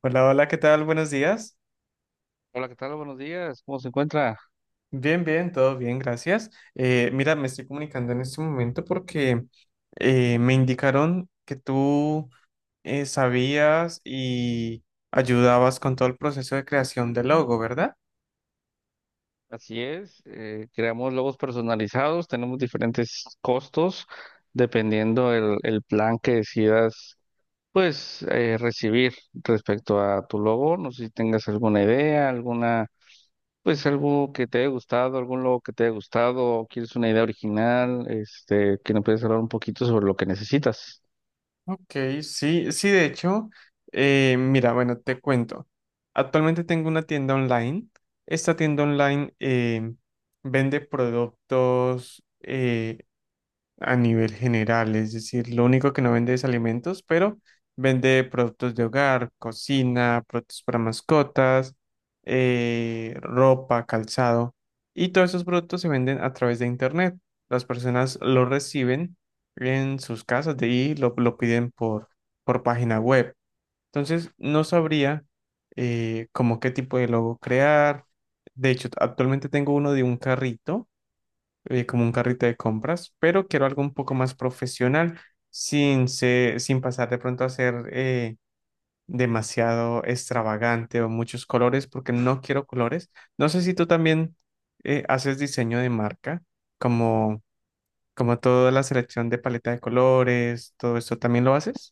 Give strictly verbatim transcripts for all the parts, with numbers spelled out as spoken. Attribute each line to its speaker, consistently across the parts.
Speaker 1: Hola, hola, ¿qué tal? Buenos días.
Speaker 2: Hola, ¿qué tal? Buenos días. ¿Cómo se encuentra?
Speaker 1: Bien, bien, todo bien, gracias. Eh, mira, me estoy comunicando en este momento porque eh, me indicaron que tú eh, sabías y ayudabas con todo el proceso de creación del logo, ¿verdad?
Speaker 2: Así es. Eh, creamos logos personalizados. Tenemos diferentes costos dependiendo el, el plan que decidas, pues, eh, recibir respecto a tu logo. No sé si tengas alguna idea, alguna, pues, algo que te haya gustado, algún logo que te haya gustado, o quieres una idea original, este, que nos puedes hablar un poquito sobre lo que necesitas.
Speaker 1: Ok, sí, sí, de hecho, eh, mira, bueno, te cuento. Actualmente tengo una tienda online. Esta tienda online eh, vende productos. Eh, a nivel general, es decir, lo único que no vende es alimentos, pero vende productos de hogar, cocina, productos para mascotas, eh, ropa, calzado, y todos esos productos se venden a través de internet. Las personas lo reciben en sus casas de ahí, lo, lo piden por, por página web. Entonces, no sabría eh, como qué tipo de logo crear. De hecho, actualmente tengo uno de un carrito eh, como un carrito de compras, pero quiero algo un poco más profesional, sin, se- sin pasar de pronto a ser eh, demasiado extravagante o muchos colores, porque no quiero colores. No sé si tú también eh, haces diseño de marca, como, como toda la selección de paleta de colores, todo esto también lo haces.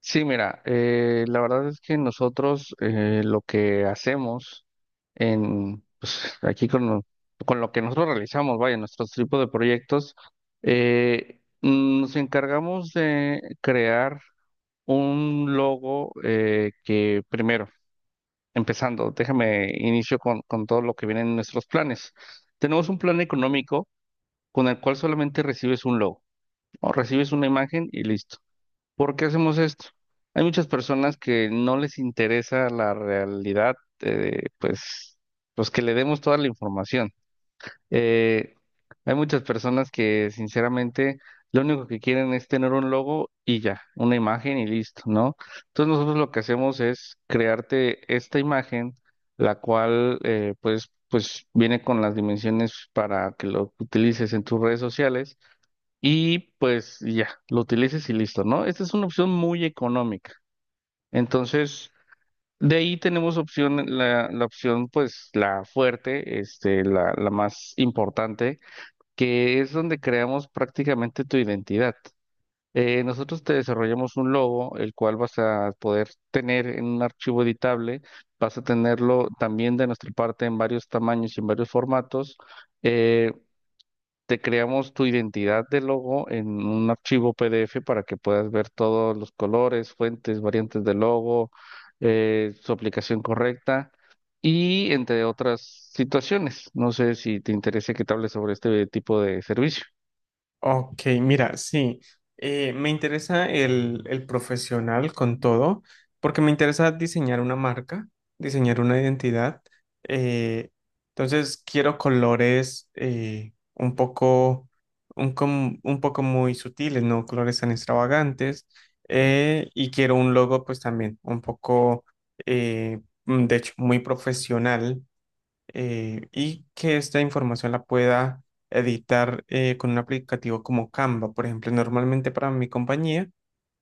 Speaker 2: Sí, mira, eh, la verdad es que nosotros eh, lo que hacemos en, pues, aquí con, lo- con lo que nosotros realizamos, vaya, nuestros tipos de proyectos, eh, nos encargamos de crear un logo eh, que primero, empezando, déjame inicio con, con todo lo que viene en nuestros planes. Tenemos un plan económico con el cual solamente recibes un logo, o recibes una imagen y listo. ¿Por qué hacemos esto? Hay muchas personas que no les interesa la realidad, eh, pues, pues que le demos toda la información. Eh, Hay muchas personas que sinceramente lo único que quieren es tener un logo y ya, una imagen y listo, ¿no? Entonces nosotros lo que hacemos es crearte esta imagen, la cual eh, pues, pues viene con las dimensiones para que lo utilices en tus redes sociales y pues ya, lo utilices y listo, ¿no? Esta es una opción muy económica. Entonces, de ahí tenemos opción, la, la opción pues la fuerte, este, la, la más importante, que es donde creamos prácticamente tu identidad. Eh, nosotros te desarrollamos un logo, el cual vas a poder tener en un archivo editable, vas a tenerlo también de nuestra parte en varios tamaños y en varios formatos. Eh, Te creamos tu identidad de logo en un archivo P D F para que puedas ver todos los colores, fuentes, variantes de logo, eh, su aplicación correcta y entre otras situaciones. No sé si te interesa que te hable sobre este tipo de servicio.
Speaker 1: Ok, mira, sí, eh, me interesa el, el profesional con todo, porque me interesa diseñar una marca, diseñar una identidad. eh, entonces, quiero colores eh, un poco, un, com- un poco muy sutiles, no colores tan extravagantes. Eh, y quiero un logo, pues también un poco, eh, mm, de hecho, muy profesional eh, y que esta información la pueda editar eh, con un aplicativo como Canva. Por ejemplo, normalmente para mi compañía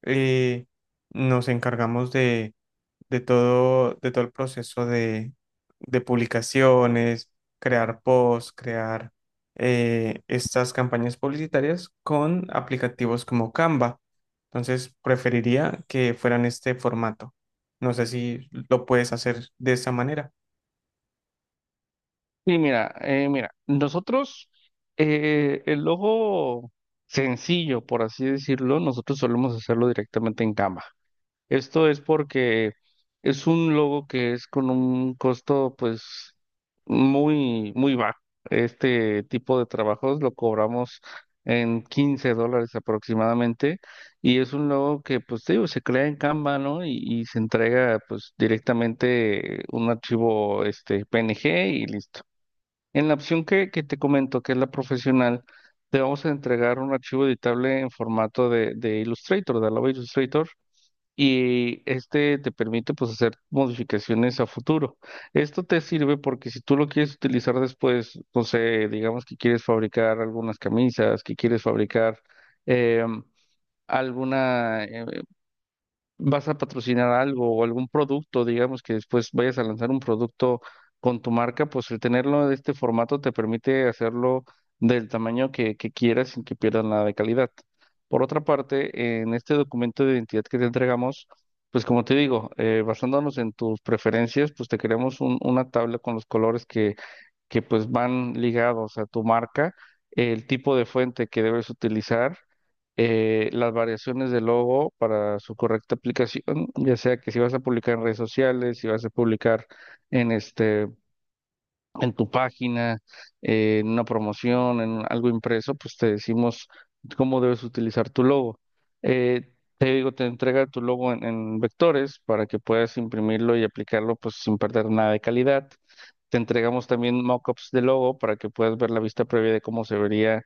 Speaker 1: eh, nos encargamos de, de todo, de todo el proceso de, de publicaciones, crear posts, crear eh, estas campañas publicitarias con aplicativos como Canva. Entonces, preferiría que fueran este formato. No sé si lo puedes hacer de esa manera.
Speaker 2: Sí, mira, eh, mira, nosotros, eh, el logo sencillo, por así decirlo, nosotros solemos hacerlo directamente en Canva. Esto es porque es un logo que es con un costo pues muy, muy bajo. Este tipo de trabajos lo cobramos en quince dólares aproximadamente y es un logo que pues te digo, se crea en Canva, ¿no? Y, y se entrega pues directamente un archivo este P N G y listo. En la opción que, que te comento, que es la profesional, te vamos a entregar un archivo editable en formato de, de Illustrator, de Adobe Illustrator y este te permite pues hacer modificaciones a futuro. Esto te sirve porque si tú lo quieres utilizar después, no sé, digamos que quieres fabricar algunas camisas, que quieres fabricar em, alguna eh, vas a patrocinar algo o algún producto, digamos que después vayas a lanzar un producto con tu marca, pues el tenerlo de este formato te permite hacerlo del tamaño que, que quieras sin que pierdas nada de calidad. Por otra parte, en este documento de identidad que te entregamos, pues como te digo, eh, basándonos en tus preferencias, pues te creamos un- una tabla con los colores que pues van ligados a tu marca, el tipo de fuente que debes utilizar, eh, las variaciones del logo para su correcta aplicación, ya sea que si vas a publicar en redes sociales, si vas a publicar en este, en tu página, eh, en una promoción, en algo impreso, pues te decimos cómo debes utilizar tu logo. Eh, Digo, te entrega tu logo en, en vectores para que puedas imprimirlo y aplicarlo pues sin perder nada de calidad. Te entregamos también mockups de logo para que puedas ver la vista previa de cómo se vería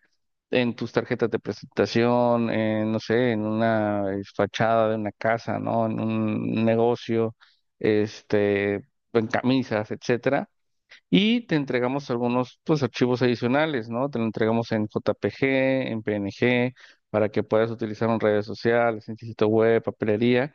Speaker 2: en tus tarjetas de presentación, en, no sé, en una eh, fachada de una casa, ¿no? En un negocio, este, en camisas, etcétera. Y te entregamos algunos pues, archivos adicionales, ¿no? Te lo entregamos en J P G, en P N G, para que puedas utilizar en redes sociales, en sitio web, papelería.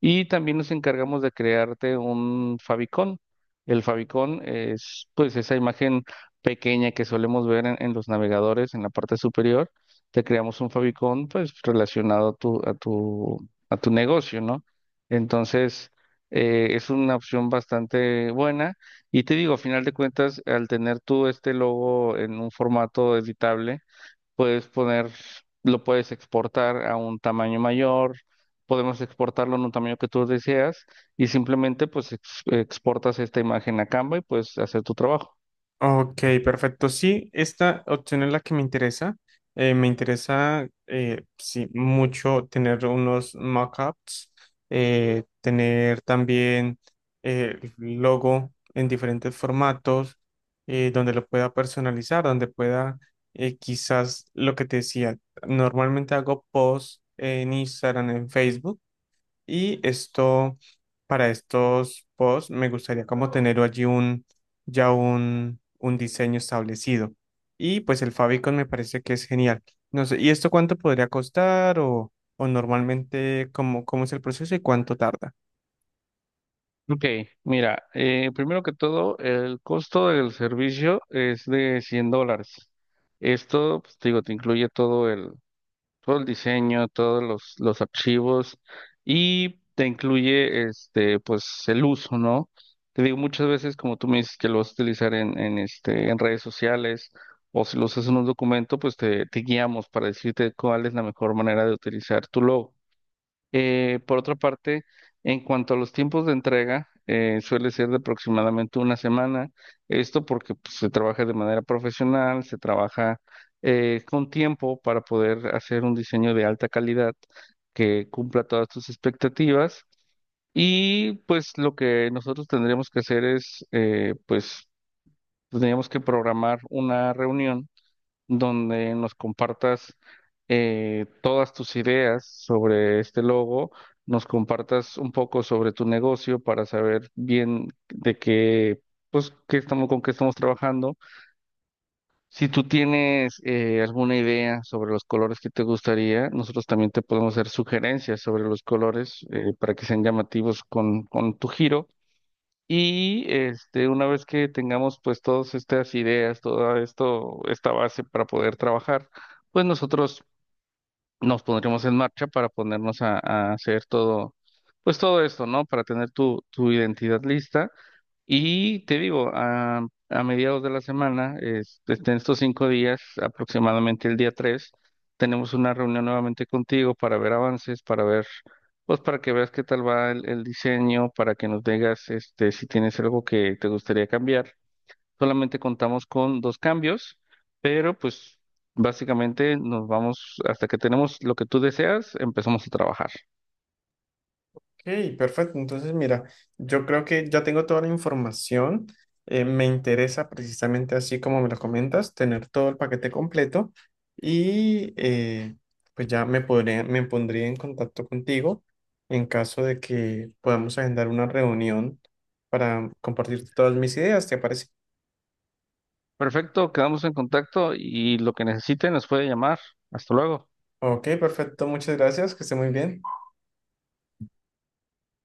Speaker 2: Y también nos encargamos de crearte un favicon. El favicon es pues esa imagen pequeña que solemos ver en, en los navegadores en la parte superior. Te creamos un favicon pues relacionado a tu, a tu, a tu negocio, ¿no? Entonces, eh, es una opción bastante buena y te digo, a final de cuentas, al tener tú este logo en un formato editable, puedes poner, lo puedes exportar a un tamaño mayor, podemos exportarlo en un tamaño que tú deseas y simplemente pues ex- exportas esta imagen a Canva y puedes hacer tu trabajo.
Speaker 1: Ok, perfecto. Sí, esta opción es la que me interesa. Eh, me interesa, eh, sí, mucho tener unos mockups, eh, tener también eh, el logo en diferentes formatos, eh, donde lo pueda personalizar, donde pueda, eh, quizás lo que te decía, normalmente hago posts en Instagram, en Facebook y esto, para estos posts, me gustaría como tener allí un, ya un, un diseño establecido. Y pues el favicon me parece que es genial. No sé, ¿y esto cuánto podría costar o, o normalmente cómo, cómo es el proceso y cuánto tarda?
Speaker 2: Ok, mira, eh, primero que todo, el costo del servicio es de cien dólares. Esto, pues te digo, te incluye todo todo el diseño, todos los, los archivos y te incluye este, pues el uso, ¿no? Te digo, muchas veces, como tú me dices, que lo vas a utilizar en, en, este, en redes sociales o si lo usas en un documento, pues te, te guiamos para decirte cuál es la mejor manera de utilizar tu logo. Eh, por otra parte, en cuanto a los tiempos de entrega, eh, suele ser de aproximadamente una semana. Esto porque pues, se trabaja de manera profesional, se trabaja eh, con tiempo para poder hacer un diseño de alta calidad que cumpla todas tus expectativas. Y pues lo que nosotros tendríamos que hacer es, eh, pues, tendríamos que programar una reunión donde nos compartas eh, todas tus ideas sobre este logo, nos compartas un poco sobre tu negocio para saber bien de qué, pues, qué estamos, con qué estamos trabajando. Si tú tienes eh, alguna idea sobre los colores que te gustaría, nosotros también te podemos hacer sugerencias sobre los colores eh, para que sean llamativos con, con tu giro. Y este, una vez que tengamos pues todas estas ideas, toda esto, esta base para poder trabajar, pues nosotros nos pondremos en marcha para ponernos a, a hacer todo, pues todo esto, ¿no? Para tener tu, tu identidad lista y te digo, a, a mediados de la semana, es- este, en estos cinco días, aproximadamente el día tres tenemos una reunión nuevamente contigo para ver avances, para ver, pues para que veas qué tal va el, el diseño, para que nos digas este, si tienes algo que te gustaría cambiar. Solamente contamos con dos cambios, pero pues básicamente nos vamos, hasta que tenemos lo que tú deseas, empezamos a trabajar.
Speaker 1: Ok, perfecto. Entonces, mira, yo creo que ya tengo toda la información. Eh, me interesa precisamente así como me lo comentas, tener todo el paquete completo y eh, pues ya me podré, me pondría en contacto contigo en caso de que podamos agendar una reunión para compartir todas mis ideas, ¿te parece?
Speaker 2: Perfecto, quedamos en contacto y lo que necesiten nos puede llamar. Hasta luego.
Speaker 1: Ok, perfecto. Muchas gracias. Que esté muy bien.